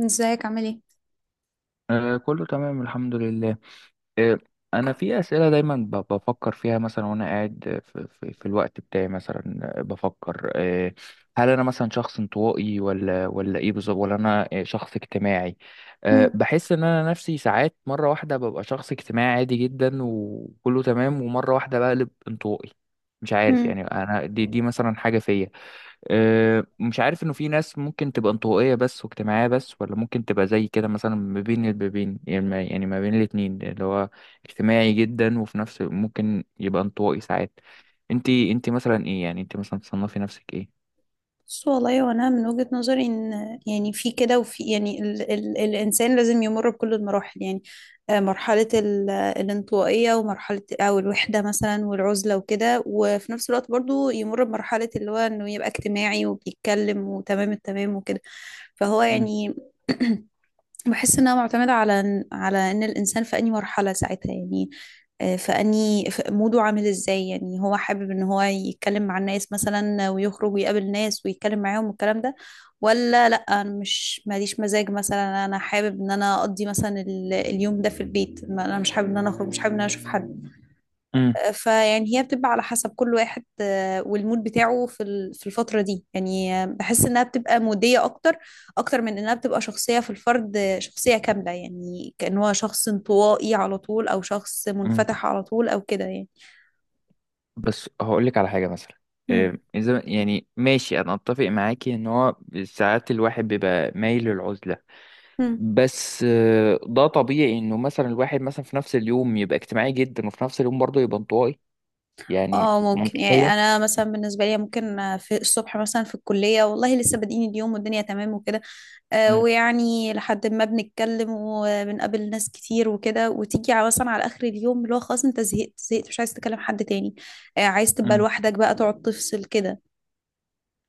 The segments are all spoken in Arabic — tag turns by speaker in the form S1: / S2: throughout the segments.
S1: ازيك عامل ايه؟
S2: آه، كله تمام، الحمد لله. إيه، انا في اسئله دايما بفكر فيها مثلا، وانا قاعد في الوقت بتاعي مثلا، بفكر. هل انا مثلا شخص انطوائي ولا ايه بالظبط، ولا انا شخص اجتماعي؟
S1: مم.
S2: بحس ان انا نفسي ساعات مره واحده ببقى شخص اجتماعي عادي جدا وكله تمام، ومره واحده بقلب انطوائي. مش عارف
S1: مم.
S2: يعني، انا دي مثلا حاجه فيا. مش عارف انه في ناس ممكن تبقى انطوائية بس واجتماعية بس، ولا ممكن تبقى زي كده مثلا ما بين البابين، يعني ما بين الاتنين، اللي هو اجتماعي جدا وفي نفس ممكن يبقى انطوائي ساعات. انت مثلا ايه، يعني انت مثلا تصنفي نفسك ايه؟
S1: بص والله، وانا من وجهة نظري ان يعني في كده، وفي يعني ال الانسان لازم يمر بكل المراحل يعني. مرحلة ال الانطوائية، ومرحلة او الوحدة مثلا والعزلة وكده، وفي نفس الوقت برضو يمر بمرحلة اللي هو انه يبقى اجتماعي وبيتكلم وتمام التمام وكده. فهو
S2: مم.
S1: يعني بحس انها معتمده على ان الانسان في انهي مرحله ساعتها يعني. في انهي، في موده عامل ازاي، يعني هو حابب ان هو يتكلم مع الناس مثلا ويخرج ويقابل ناس ويتكلم معاهم والكلام ده، ولا لا انا مش ماليش مزاج، مثلا انا حابب ان انا اقضي مثلا اليوم ده في البيت، انا مش حابب ان انا اخرج، مش حابب ان انا اشوف حد.
S2: مم.
S1: فيعني هي بتبقى على حسب كل واحد، والمود بتاعه في في الفترة دي يعني. بحس انها بتبقى مودية اكتر، اكتر من انها بتبقى شخصية في الفرد، شخصية كاملة يعني، كأن هو شخص انطوائي على طول او شخص
S2: مم.
S1: منفتح على طول او كده يعني.
S2: بس هقول لك على حاجه مثلا،
S1: هم.
S2: اذا يعني ماشي، انا اتفق معاكي ان هو ساعات الواحد بيبقى مايل للعزله،
S1: هم.
S2: بس ده طبيعي انه مثلا الواحد مثلا في نفس اليوم يبقى اجتماعي جدا، وفي نفس اليوم برضه يبقى انطوائي. يعني
S1: اه ممكن، يعني
S2: منطقيه؟
S1: انا مثلا بالنسبه لي ممكن في الصبح مثلا في الكليه، والله لسه بادئين اليوم والدنيا تمام وكده،
S2: مم.
S1: ويعني لحد ما بنتكلم وبنقابل ناس كتير وكده، وتيجي مثلا على اخر اليوم اللي هو خلاص انت زهقت، مش عايز تكلم حد تاني. عايز تبقى
S2: مم.
S1: لوحدك بقى، تقعد تفصل كده.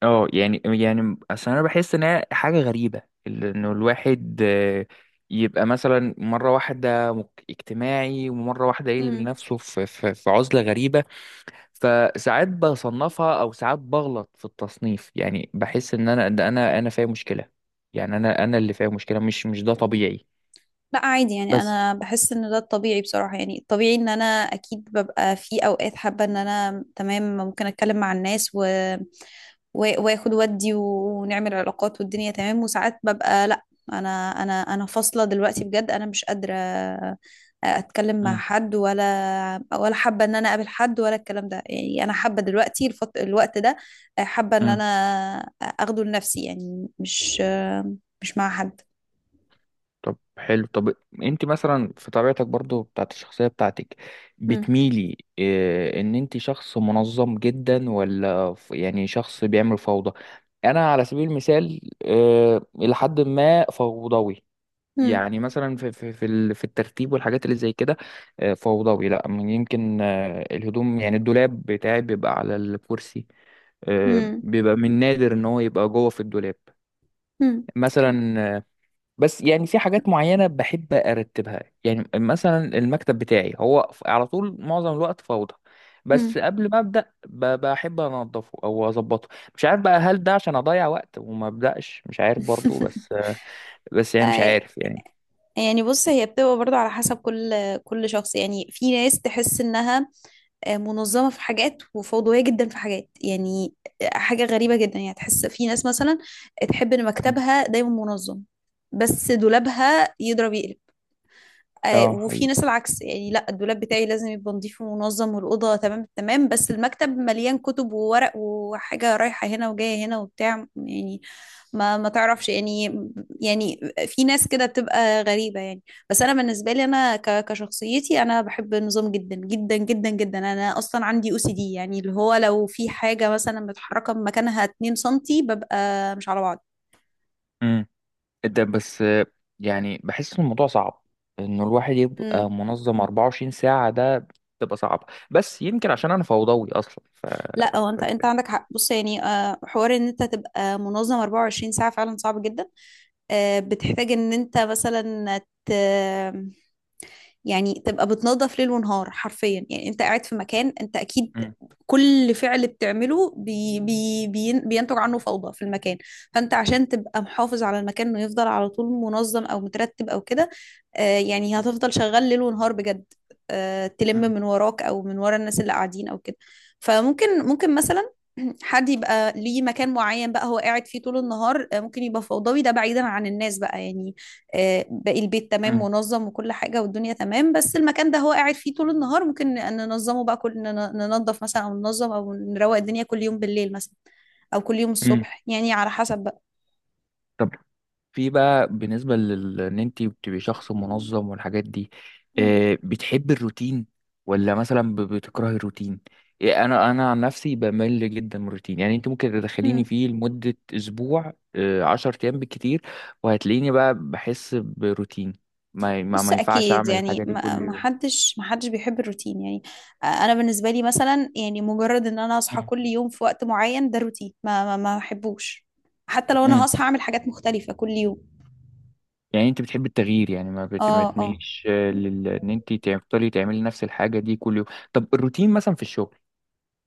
S2: اه يعني اصل انا بحس ان هي حاجه غريبه. انه الواحد يبقى مثلا مره واحده اجتماعي، ومره واحده يقلب
S1: مم.
S2: نفسه في في عزله غريبه. فساعات بصنفها، او ساعات بغلط في التصنيف، يعني بحس ان انا ده، انا فيا مشكله. يعني انا اللي فيا مشكله، مش ده طبيعي.
S1: لا عادي، يعني
S2: بس.
S1: انا بحس ان ده الطبيعي بصراحة. يعني الطبيعي ان انا اكيد ببقى في اوقات حابة ان انا تمام، ممكن اتكلم مع الناس و واخد ودي، ونعمل علاقات والدنيا تمام، وساعات ببقى لا. انا انا انا فاصله دلوقتي بجد، انا مش قادره اتكلم مع حد، ولا حابه ان انا اقابل حد، ولا الكلام ده. يعني انا حابه دلوقتي الوقت ده، حابه ان انا
S2: مم.
S1: اخده لنفسي، يعني مش مع حد.
S2: طب، حلو، طب، انت مثلا في طبيعتك برضو بتاعت الشخصية بتاعتك،
S1: مم.
S2: بتميلي اه ان انت شخص منظم جدا، ولا يعني شخص بيعمل فوضى؟ انا على سبيل المثال اه الى حد ما فوضوي.
S1: مم.
S2: يعني مثلا في الترتيب والحاجات اللي زي كده. اه فوضوي، لا من يمكن اه الهدوم، يعني الدولاب بتاعي بيبقى على الكرسي،
S1: مم.
S2: بيبقى من نادر ان هو يبقى جوه في الدولاب
S1: مم.
S2: مثلا. بس يعني في حاجات معينة بحب أرتبها، يعني مثلا المكتب بتاعي هو على طول معظم الوقت فوضى، بس
S1: مم.
S2: قبل ما أبدأ بحب أنضفه أو أظبطه. مش عارف بقى، هل ده عشان أضيع وقت وما أبدأش؟ مش عارف برضو، بس، بس يعني مش عارف يعني.
S1: يعني بص، هي بتبقى برضو على حسب كل شخص يعني. في ناس تحس انها منظمة في حاجات وفوضوية جدا في حاجات يعني. حاجة غريبة جدا يعني. تحس في ناس مثلا تحب ان
S2: مم.
S1: مكتبها دايما منظم، بس دولابها يضرب يقلب.
S2: اه
S1: وفي
S2: حقيقي.
S1: ناس العكس يعني، لا الدولاب بتاعي لازم يبقى نظيف ومنظم والأوضة تمام تمام، بس المكتب مليان كتب وورق وحاجة رايحة هنا وجاية هنا وبتاع يعني. ما تعرفش يعني. يعني في ناس كده بتبقى غريبة يعني. بس أنا بالنسبة لي أنا كشخصيتي أنا بحب النظام جدا جدا جدا جدا، أنا أصلا عندي أو سي دي، يعني اللي هو لو في حاجة مثلا متحركة من مكانها 2 سنتي ببقى مش على
S2: امم. ده بس يعني بحس ان الموضوع صعب، انه الواحد
S1: بعض.
S2: يبقى منظم 24 ساعة، ده بتبقى صعبة، بس يمكن عشان انا فوضوي اصلا ف
S1: لا هو
S2: ف-
S1: انت عندك حق. بص يعني، حوار ان انت تبقى منظم 24 ساعة فعلا صعب جدا. بتحتاج ان انت مثلا ت... يعني تبقى بتنظف ليل ونهار حرفيا. يعني انت قاعد في مكان انت اكيد
S2: مم.
S1: كل فعل بتعمله بي بي بي بينتج عنه فوضى في المكان، فانت عشان تبقى محافظ على المكان انه يفضل على طول منظم او مترتب او كده، يعني هتفضل شغال ليل ونهار بجد، تلم
S2: مم.
S1: من وراك او من ورا الناس اللي قاعدين او كده. فممكن مثلا حد يبقى ليه مكان معين بقى هو قاعد فيه طول النهار، ممكن يبقى فوضوي، ده بعيدا عن الناس بقى يعني. باقي البيت تمام منظم وكل حاجة والدنيا تمام، بس المكان ده هو قاعد فيه طول النهار ممكن ننظمه بقى، ننظف مثلا أو ننظم أو نروق الدنيا كل يوم بالليل مثلا، أو كل يوم
S2: مم.
S1: الصبح يعني على حسب بقى.
S2: طب، في بقى بالنسبة ان انت بتبقي شخص منظم والحاجات دي،
S1: مم.
S2: بتحبي الروتين، ولا مثلا بتكرهي الروتين؟ إيه، انا عن نفسي بمل جدا من الروتين، يعني انت ممكن تدخليني
S1: مم.
S2: فيه لمدة اسبوع، 10 ايام بالكتير، وهتلاقيني بقى بحس بروتين، ما ما,
S1: بص
S2: ما ينفعش
S1: أكيد،
S2: اعمل
S1: يعني
S2: الحاجة دي
S1: ما
S2: كل يوم.
S1: حدش، ما حدش بيحب الروتين يعني. أنا بالنسبة لي مثلا يعني مجرد إن أنا أصحى
S2: مم.
S1: كل يوم في وقت معين ده روتين، ما بحبوش، حتى لو أنا
S2: مم.
S1: هصحى أعمل حاجات مختلفة كل يوم.
S2: يعني انت بتحبي التغيير، يعني ما
S1: اه اه.
S2: تميليش، ان انت تفضلي تعملي نفس الحاجة دي كل يوم؟ طب الروتين مثلا في الشغل،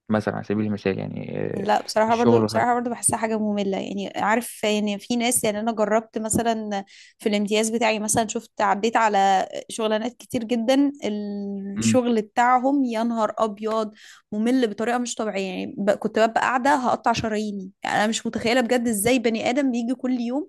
S2: مثلا على سبيل المثال، يعني
S1: لا بصراحة، برضو
S2: الشغل والحاجة.
S1: بصراحة برضو بحسها حاجة مملة. يعني عارف، يعني في ناس، يعني أنا جربت مثلا في الامتياز بتاعي مثلا، شفت عديت على شغلانات كتير جدا
S2: مم.
S1: الشغل بتاعهم يا نهار أبيض. ممل بطريقة مش طبيعية يعني، كنت ببقى قاعدة هقطع شراييني. يعني أنا مش متخيلة بجد إزاي بني آدم بيجي كل يوم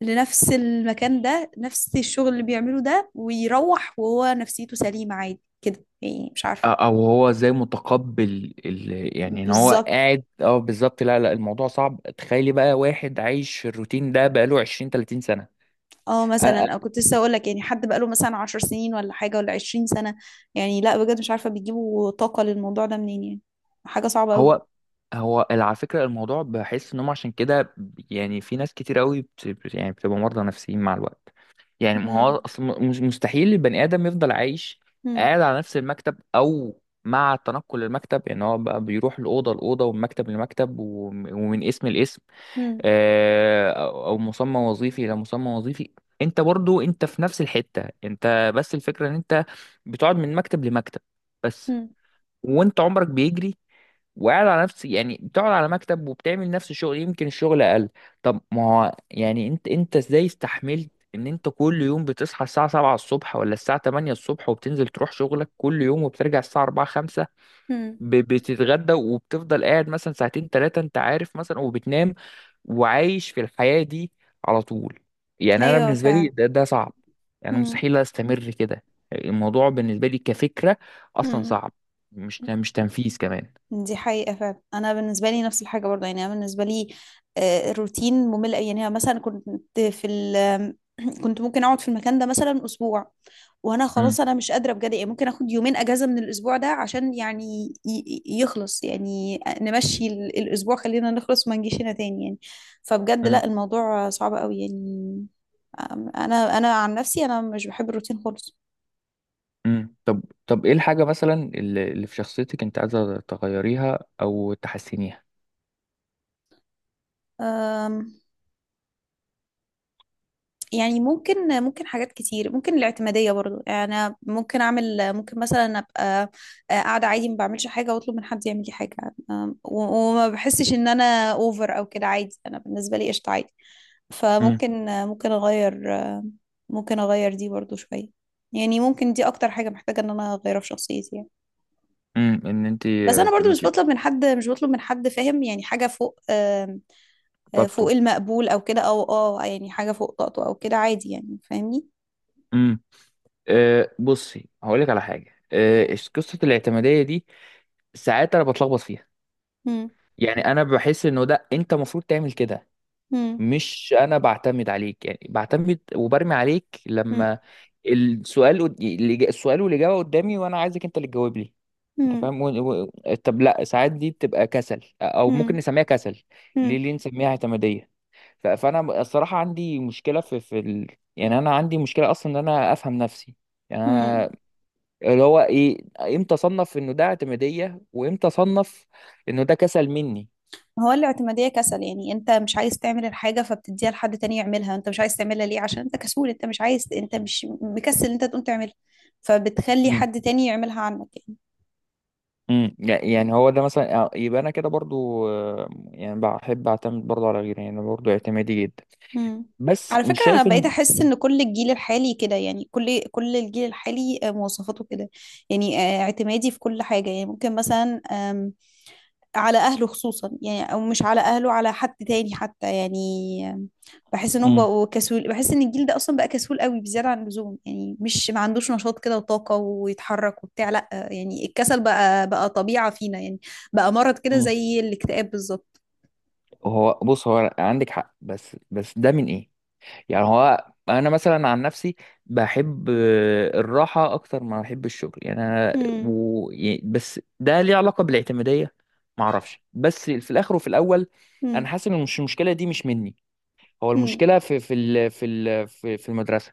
S1: لنفس المكان ده، نفس الشغل اللي بيعمله ده ويروح وهو نفسيته سليمة عادي كده، يعني مش عارفة.
S2: او هو ازاي متقبل يعني ان هو
S1: بالظبط،
S2: قاعد، اه بالظبط، لا لا، الموضوع صعب، تخيلي بقى واحد عايش الروتين ده بقاله 20 30
S1: اه
S2: سنة. أ-
S1: مثلا، او
S2: أ-
S1: كنت لسه اقول لك يعني حد بقاله مثلا 10 سنين ولا حاجه، ولا 20 سنه. يعني لا بجد مش عارفه بيجيبوا طاقه للموضوع ده منين يعني. حاجه صعبه
S2: هو
S1: قوي.
S2: هو على فكرة الموضوع، بحس انهم عشان كده، يعني في ناس كتير قوي يعني بتبقى مرضى نفسيين مع الوقت. يعني ما هو
S1: مم.
S2: اصل مستحيل البني ادم يفضل عايش
S1: مم.
S2: قاعد على نفس المكتب، او مع تنقل المكتب، يعني هو بقى بيروح الاوضه لاوضه، ومن مكتب لمكتب، ومن اسم لاسم،
S1: مم.
S2: او مسمى وظيفي الى مسمى وظيفي. انت برضو، انت في نفس الحته، انت بس الفكره ان انت بتقعد من مكتب لمكتب، بس،
S1: مم.
S2: وانت عمرك بيجري، وقاعد على نفس، يعني بتقعد على مكتب، وبتعمل نفس الشغل، يمكن الشغل اقل. طب ما هو يعني انت ازاي استحملت ان انت كل يوم بتصحى الساعة 7 الصبح ولا الساعة 8 الصبح، وبتنزل تروح شغلك كل يوم، وبترجع الساعة 4 5،
S1: مم.
S2: بتتغدى، وبتفضل قاعد مثلا ساعتين ثلاثة، انت عارف مثلا، وبتنام، وعايش في الحياة دي على طول؟ يعني انا
S1: ايوه
S2: بالنسبة لي
S1: فعلا.
S2: ده صعب، يعني
S1: مم.
S2: مستحيل استمر كده. الموضوع بالنسبة لي كفكرة اصلا
S1: مم.
S2: صعب، مش تنفيذ كمان.
S1: دي حقيقه فعلا. انا بالنسبه لي نفس الحاجه برضه، يعني انا بالنسبه لي الروتين ممل أوي. يعني أنا مثلا كنت في ال كنت ممكن اقعد في المكان ده مثلا اسبوع، وانا خلاص انا مش قادره بجد. يعني ممكن اخد 2 يوم اجازه من الاسبوع ده، عشان يعني يخلص، يعني نمشي الاسبوع خلينا نخلص، ما نجيش هنا تاني يعني. فبجد
S2: مم.
S1: لا الموضوع صعب قوي يعني. أم- انا، انا عن نفسي، انا مش بحب الروتين خالص.
S2: طب، طب، ايه الحاجة مثلا اللي في شخصيتك انت عايزة تغيريها او تحسنيها؟
S1: أم، يعني ممكن حاجات كتير، ممكن الاعتمادية برضو. يعني أنا ممكن أعمل، ممكن مثلا أبقى قاعدة عادي ما بعملش حاجة، وأطلب من حد يعمل لي حاجة. أم، و- وما بحسش إن أنا أوفر أو كده، عادي أنا بالنسبة لي قشطة عادي.
S2: امم.
S1: فممكن اغير، ممكن اغير دي برضو شوية. يعني ممكن دي اكتر حاجة محتاجة ان انا اغيرها في شخصيتي يعني.
S2: ان انت.
S1: بس انا برضو مش بطلب من حد، فاهم يعني، حاجة فوق، آم، آه، فوق
S2: طاقته.
S1: المقبول او كده، او اه يعني حاجة فوق طاقته او كده، عادي يعني فاهمني.
S2: امم أه بصي هقولك على حاجة، أه
S1: مم.
S2: قصة الاعتمادية دي ساعات انا بتلخبط فيها،
S1: مم.
S2: يعني انا بحس انه ده انت المفروض تعمل كده،
S1: مم.
S2: مش انا بعتمد عليك، يعني بعتمد وبرمي عليك، لما السؤال السؤال والاجابه قدامي، وانا عايزك انت اللي تجاوب لي، انت
S1: مم.
S2: فاهم. طب لا، ساعات دي بتبقى كسل، او ممكن
S1: مم.
S2: نسميها كسل،
S1: مم.
S2: ليه نسميها اعتماديه؟ فانا الصراحه عندي مشكله. يعني انا عندي مشكله اصلا ان انا افهم نفسي، يعني
S1: مم.
S2: أنا، اللي هو ايه، امتى اصنف انه ده اعتماديه، وامتى اصنف انه ده كسل مني؟
S1: هو الاعتمادية كسل. يعني انت مش عايز تعمل الحاجة فبتديها لحد تاني يعملها. انت مش عايز تعملها ليه؟ عشان انت كسول، انت مش عايز، انت مش مكسل انت تقوم تعملها، فبتخلي حد تاني يعملها عنك يعني.
S2: امم. يعني هو ده مثلا يبقى انا كده برضو، يعني بحب اعتمد برضو على غيري، يعني برضو اعتمادي جدا،
S1: مم.
S2: بس
S1: على
S2: مش
S1: فكرة انا
S2: شايف
S1: بقيت
S2: ان.
S1: احس ان كل الجيل الحالي كده، يعني كل الجيل الحالي، مواصفاته كده. يعني اعتمادي في كل حاجة. يعني ممكن مثلا على اهله خصوصا، يعني او مش على اهله، على حد تاني حتى يعني. بحس انهم
S2: امم.
S1: بقوا كسول، بحس ان الجيل ده اصلا بقى كسول قوي بزياده عن اللزوم. يعني مش ما عندوش نشاط كده وطاقه ويتحرك وبتاع، لا يعني الكسل بقى، طبيعه فينا يعني. بقى مرض كده
S2: امم
S1: زي الاكتئاب بالظبط.
S2: هو بص، هو عندك حق، بس ده من ايه؟ يعني هو انا مثلا عن نفسي بحب الراحة اكتر ما بحب الشغل، يعني انا
S1: مم.
S2: بس ده ليه علاقة بالاعتمادية؟ معرفش، بس في الاخر وفي الاول، انا
S1: مم.
S2: حاسس ان مش المشكلة دي مش مني، هو
S1: مم.
S2: المشكلة في في ال... في ال... في في المدرسة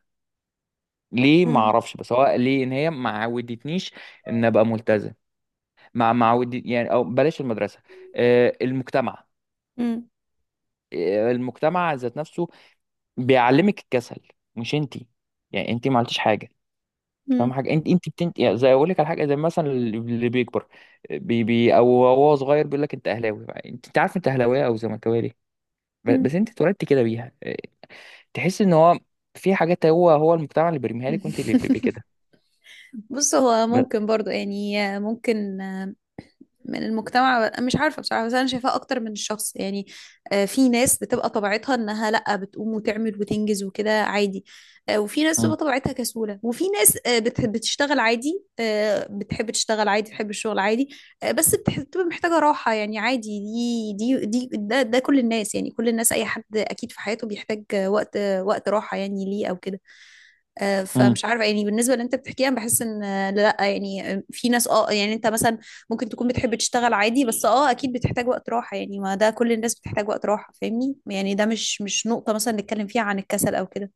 S2: ليه ما
S1: مم.
S2: اعرفش، بس هو ليه ان هي ما عودتنيش ان ابقى ملتزم، ما عودت يعني، او بلاش المدرسه، المجتمع، المجتمع ذات نفسه بيعلمك الكسل، مش انتي، يعني انتي ما عملتيش حاجه، فاهم
S1: مم.
S2: حاجه، انت بتنت يعني، زي اقول لك على حاجه، زي مثلا اللي بيكبر بي بي او هو صغير، بيقول لك انت اهلاوي، انت عارف انت اهلاويه او زملكاويه ليه؟ بس
S1: مم.
S2: انت اتولدت كده بيها، تحس ان هو في حاجات هو المجتمع اللي بيرميها
S1: مم.
S2: لك، وانت اللي بتبقي كده.
S1: بص هو
S2: ب-
S1: ممكن برضو، يعني ممكن من المجتمع مش عارفة بصراحة، بس أنا شايفاه أكتر من الشخص يعني. في ناس بتبقى طبيعتها إنها لأ بتقوم وتعمل وتنجز وكده عادي، وفي ناس
S2: مم.
S1: بتبقى طبيعتها كسولة، وفي ناس بتحب تشتغل عادي بتحب الشغل عادي. بس بتبقى محتاجة راحة يعني، عادي. دي دي دي ده، ده كل الناس يعني، كل الناس أي حد أكيد في حياته بيحتاج وقت، وقت راحة يعني ليه أو كده.
S2: مم.
S1: فمش عارفه يعني بالنسبه اللي انت بتحكيها بحس ان آه، لا آه، يعني آه، في ناس اه. يعني انت مثلا ممكن تكون بتحب تشتغل عادي، بس اه اكيد بتحتاج وقت راحه يعني. ما ده كل الناس بتحتاج وقت راحه فاهمني، يعني ده مش، مش نقطه مثلا نتكلم فيها عن الكسل او كده.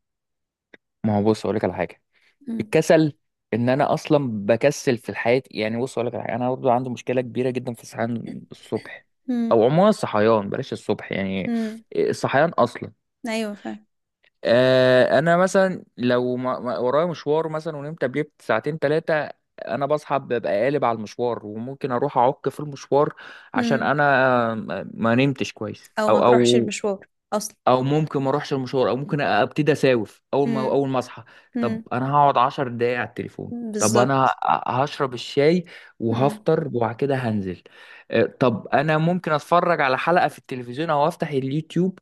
S2: ما هو بص اقول لك على حاجه،
S1: مم.
S2: الكسل، ان انا اصلا بكسل في الحياه، يعني بص اقول لك على حاجة، انا برضو عندي مشكله كبيره جدا في الصحيان الصبح،
S1: مم.
S2: او عموما الصحيان، بلاش الصبح يعني،
S1: مم.
S2: الصحيان اصلا.
S1: ايوه فاهم.
S2: آه انا مثلا لو ورايا مشوار مثلا، ونمت قبليه ساعتين ثلاثه، انا بصحى ببقى قالب على المشوار، وممكن اروح اعك في المشوار عشان
S1: مم.
S2: انا ما نمتش كويس
S1: او ما
S2: او
S1: تروحش
S2: او
S1: المشوار اصلا.
S2: او ممكن ما اروحش المشوار، او ممكن ابتدي اساوف اول ما
S1: مم.
S2: اول ما اصحى. طب
S1: مم.
S2: انا هقعد 10 دقايق على التليفون، طب انا
S1: بالظبط.
S2: هشرب الشاي،
S1: مم.
S2: وهفطر، وبعد كده هنزل. طب انا ممكن اتفرج على حلقة في التلفزيون، او افتح اليوتيوب،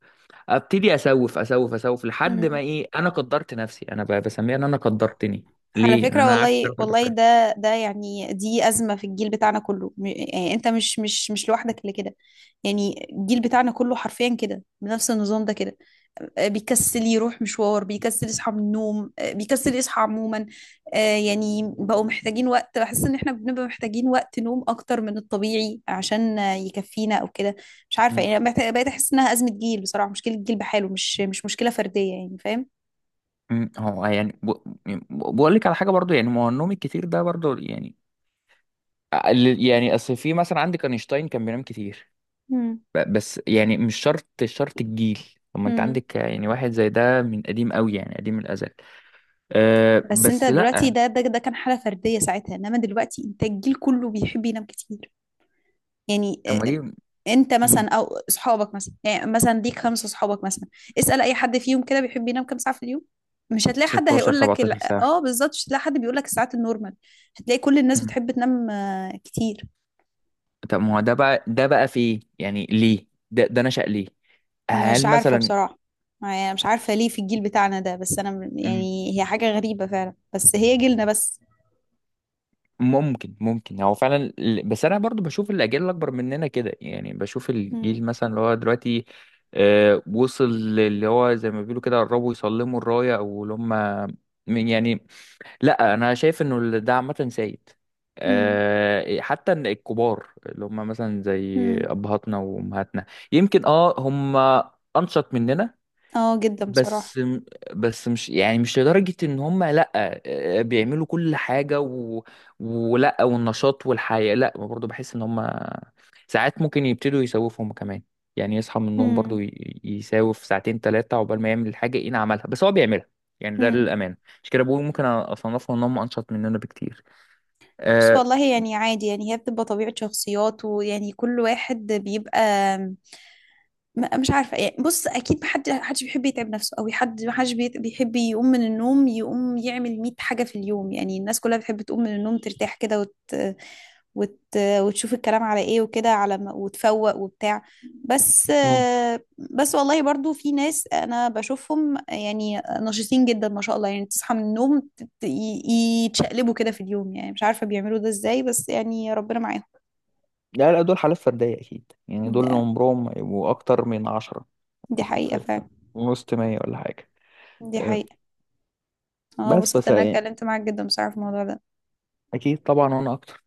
S2: ابتدي اسوف اسوف اسوف لحد ما
S1: مم.
S2: ايه، انا قدرت نفسي، انا بسميها ان انا قدرتني،
S1: على
S2: ليه ان
S1: فكرة
S2: انا قعدت
S1: والله،
S2: ثلاث اربع
S1: والله
S2: ساعات
S1: ده ده يعني دي أزمة في الجيل بتاعنا كله. يعني أنت مش، لوحدك اللي كده. يعني الجيل بتاعنا كله حرفيا كده بنفس النظام ده كده. بيكسل يروح مشوار، بيكسل يصحى من النوم، بيكسل يصحى عموما. يعني بقوا محتاجين وقت، بحس إن احنا بنبقى محتاجين وقت نوم أكتر من الطبيعي، عشان يكفينا أو كده. مش عارفة
S2: مم.
S1: يعني، أنا بقيت أحس إنها أزمة جيل بصراحة، مشكلة جيل بحاله، مش، مش مشكلة فردية يعني، فاهم؟
S2: مم. هو يعني. بقول لك على حاجه برضو يعني، ما هو النوم الكتير ده برضو يعني، يعني اصل في مثلا، عندك اينشتاين كان بينام كتير، بس يعني مش شرط الجيل. طب ما انت
S1: مم.
S2: عندك يعني واحد زي ده من قديم قوي، يعني قديم الازل. أه
S1: بس انت
S2: بس
S1: دلوقتي
S2: لا.
S1: ده، كان حالة فردية ساعتها، انما دلوقتي انت الجيل كله بيحب ينام كتير. يعني
S2: طب ما دي.
S1: انت
S2: مم.
S1: مثلا او اصحابك مثلا، يعني مثلا ليك 5 اصحابك مثلا، اسأل اي حد فيهم كده بيحب ينام كام ساعة في اليوم. مش هتلاقي حد
S2: 16
S1: هيقول لك لا-
S2: 17 ساعة.
S1: اه بالظبط، مش هتلاقي حد بيقول لك الساعات النورمال. هتلاقي كل الناس
S2: مم.
S1: بتحب تنام كتير.
S2: طب ما هو ده بقى في ايه، يعني ليه ده نشأ ليه؟
S1: مش
S2: هل
S1: عارفة
S2: مثلا.
S1: بصراحة. يعني مش عارفة ليه في الجيل بتاعنا ده، بس انا
S2: مم.
S1: يعني هي حاجة غريبة فعلا، بس هي جيلنا بس.
S2: ممكن هو فعلا بس انا برضو بشوف الاجيال الاكبر مننا كده، يعني بشوف
S1: مم.
S2: الجيل مثلا اللي هو دلوقتي أه وصل، اللي هو زي ما بيقولوا كده قربوا يسلموا الراية، او اللي هم يعني، لا انا شايف انه ده عامه سيد،
S1: مم.
S2: أه حتى إن الكبار اللي هم مثلا زي
S1: مم.
S2: ابهاتنا وامهاتنا، يمكن اه هم انشط مننا،
S1: اه جدا بصراحة.
S2: بس، بس مش يعني، مش لدرجة ان هم لا، بيعملوا كل حاجة، والنشاط والحياة، لا برضه بحس ان هم ساعات ممكن يبتدوا يسوفوا هم كمان، يعني يصحى من النوم برضه يساوف ساعتين ثلاثة عقبال ما يعمل الحاجة، ايه عملها، بس هو بيعملها، يعني ده
S1: مم.
S2: للأمانة. عشان كده بقول ممكن اصنفهم ان هم انشط مننا بكتير.
S1: بس
S2: أه...
S1: والله يعني عادي، يعني هي بتبقى طبيعة شخصيات، ويعني كل واحد بيبقى، مش عارفة يعني. بص أكيد محدش بيحب يتعب نفسه، أو حد محدش بيحب يقوم من النوم يقوم يعمل 100 حاجة في اليوم. يعني الناس كلها بتحب تقوم من النوم ترتاح كده، وتشوف الكلام على ايه وكده على ما... وتفوق وبتاع. بس
S2: مم.
S1: بس والله برضو في ناس انا بشوفهم يعني نشيطين جدا ما شاء الله. يعني تصحى من النوم يتشقلبوا كده في اليوم، يعني مش عارفة بيعملوا ده ازاي، بس يعني ربنا معاهم.
S2: لا لا، دول حالات فردية أكيد، يعني دول
S1: ده-
S2: عمرهم ما يبقوا أكتر من 10
S1: دي حقيقة
S2: في
S1: فعلا.
S2: وسط 100 ولا حاجة.
S1: دي
S2: أه،
S1: حقيقة. اه،
S2: بس
S1: انبسطت
S2: بس
S1: ان انا اتكلمت معاك جدا بصراحة في الموضوع ده.
S2: اكيد طبعا، وانا اكتر.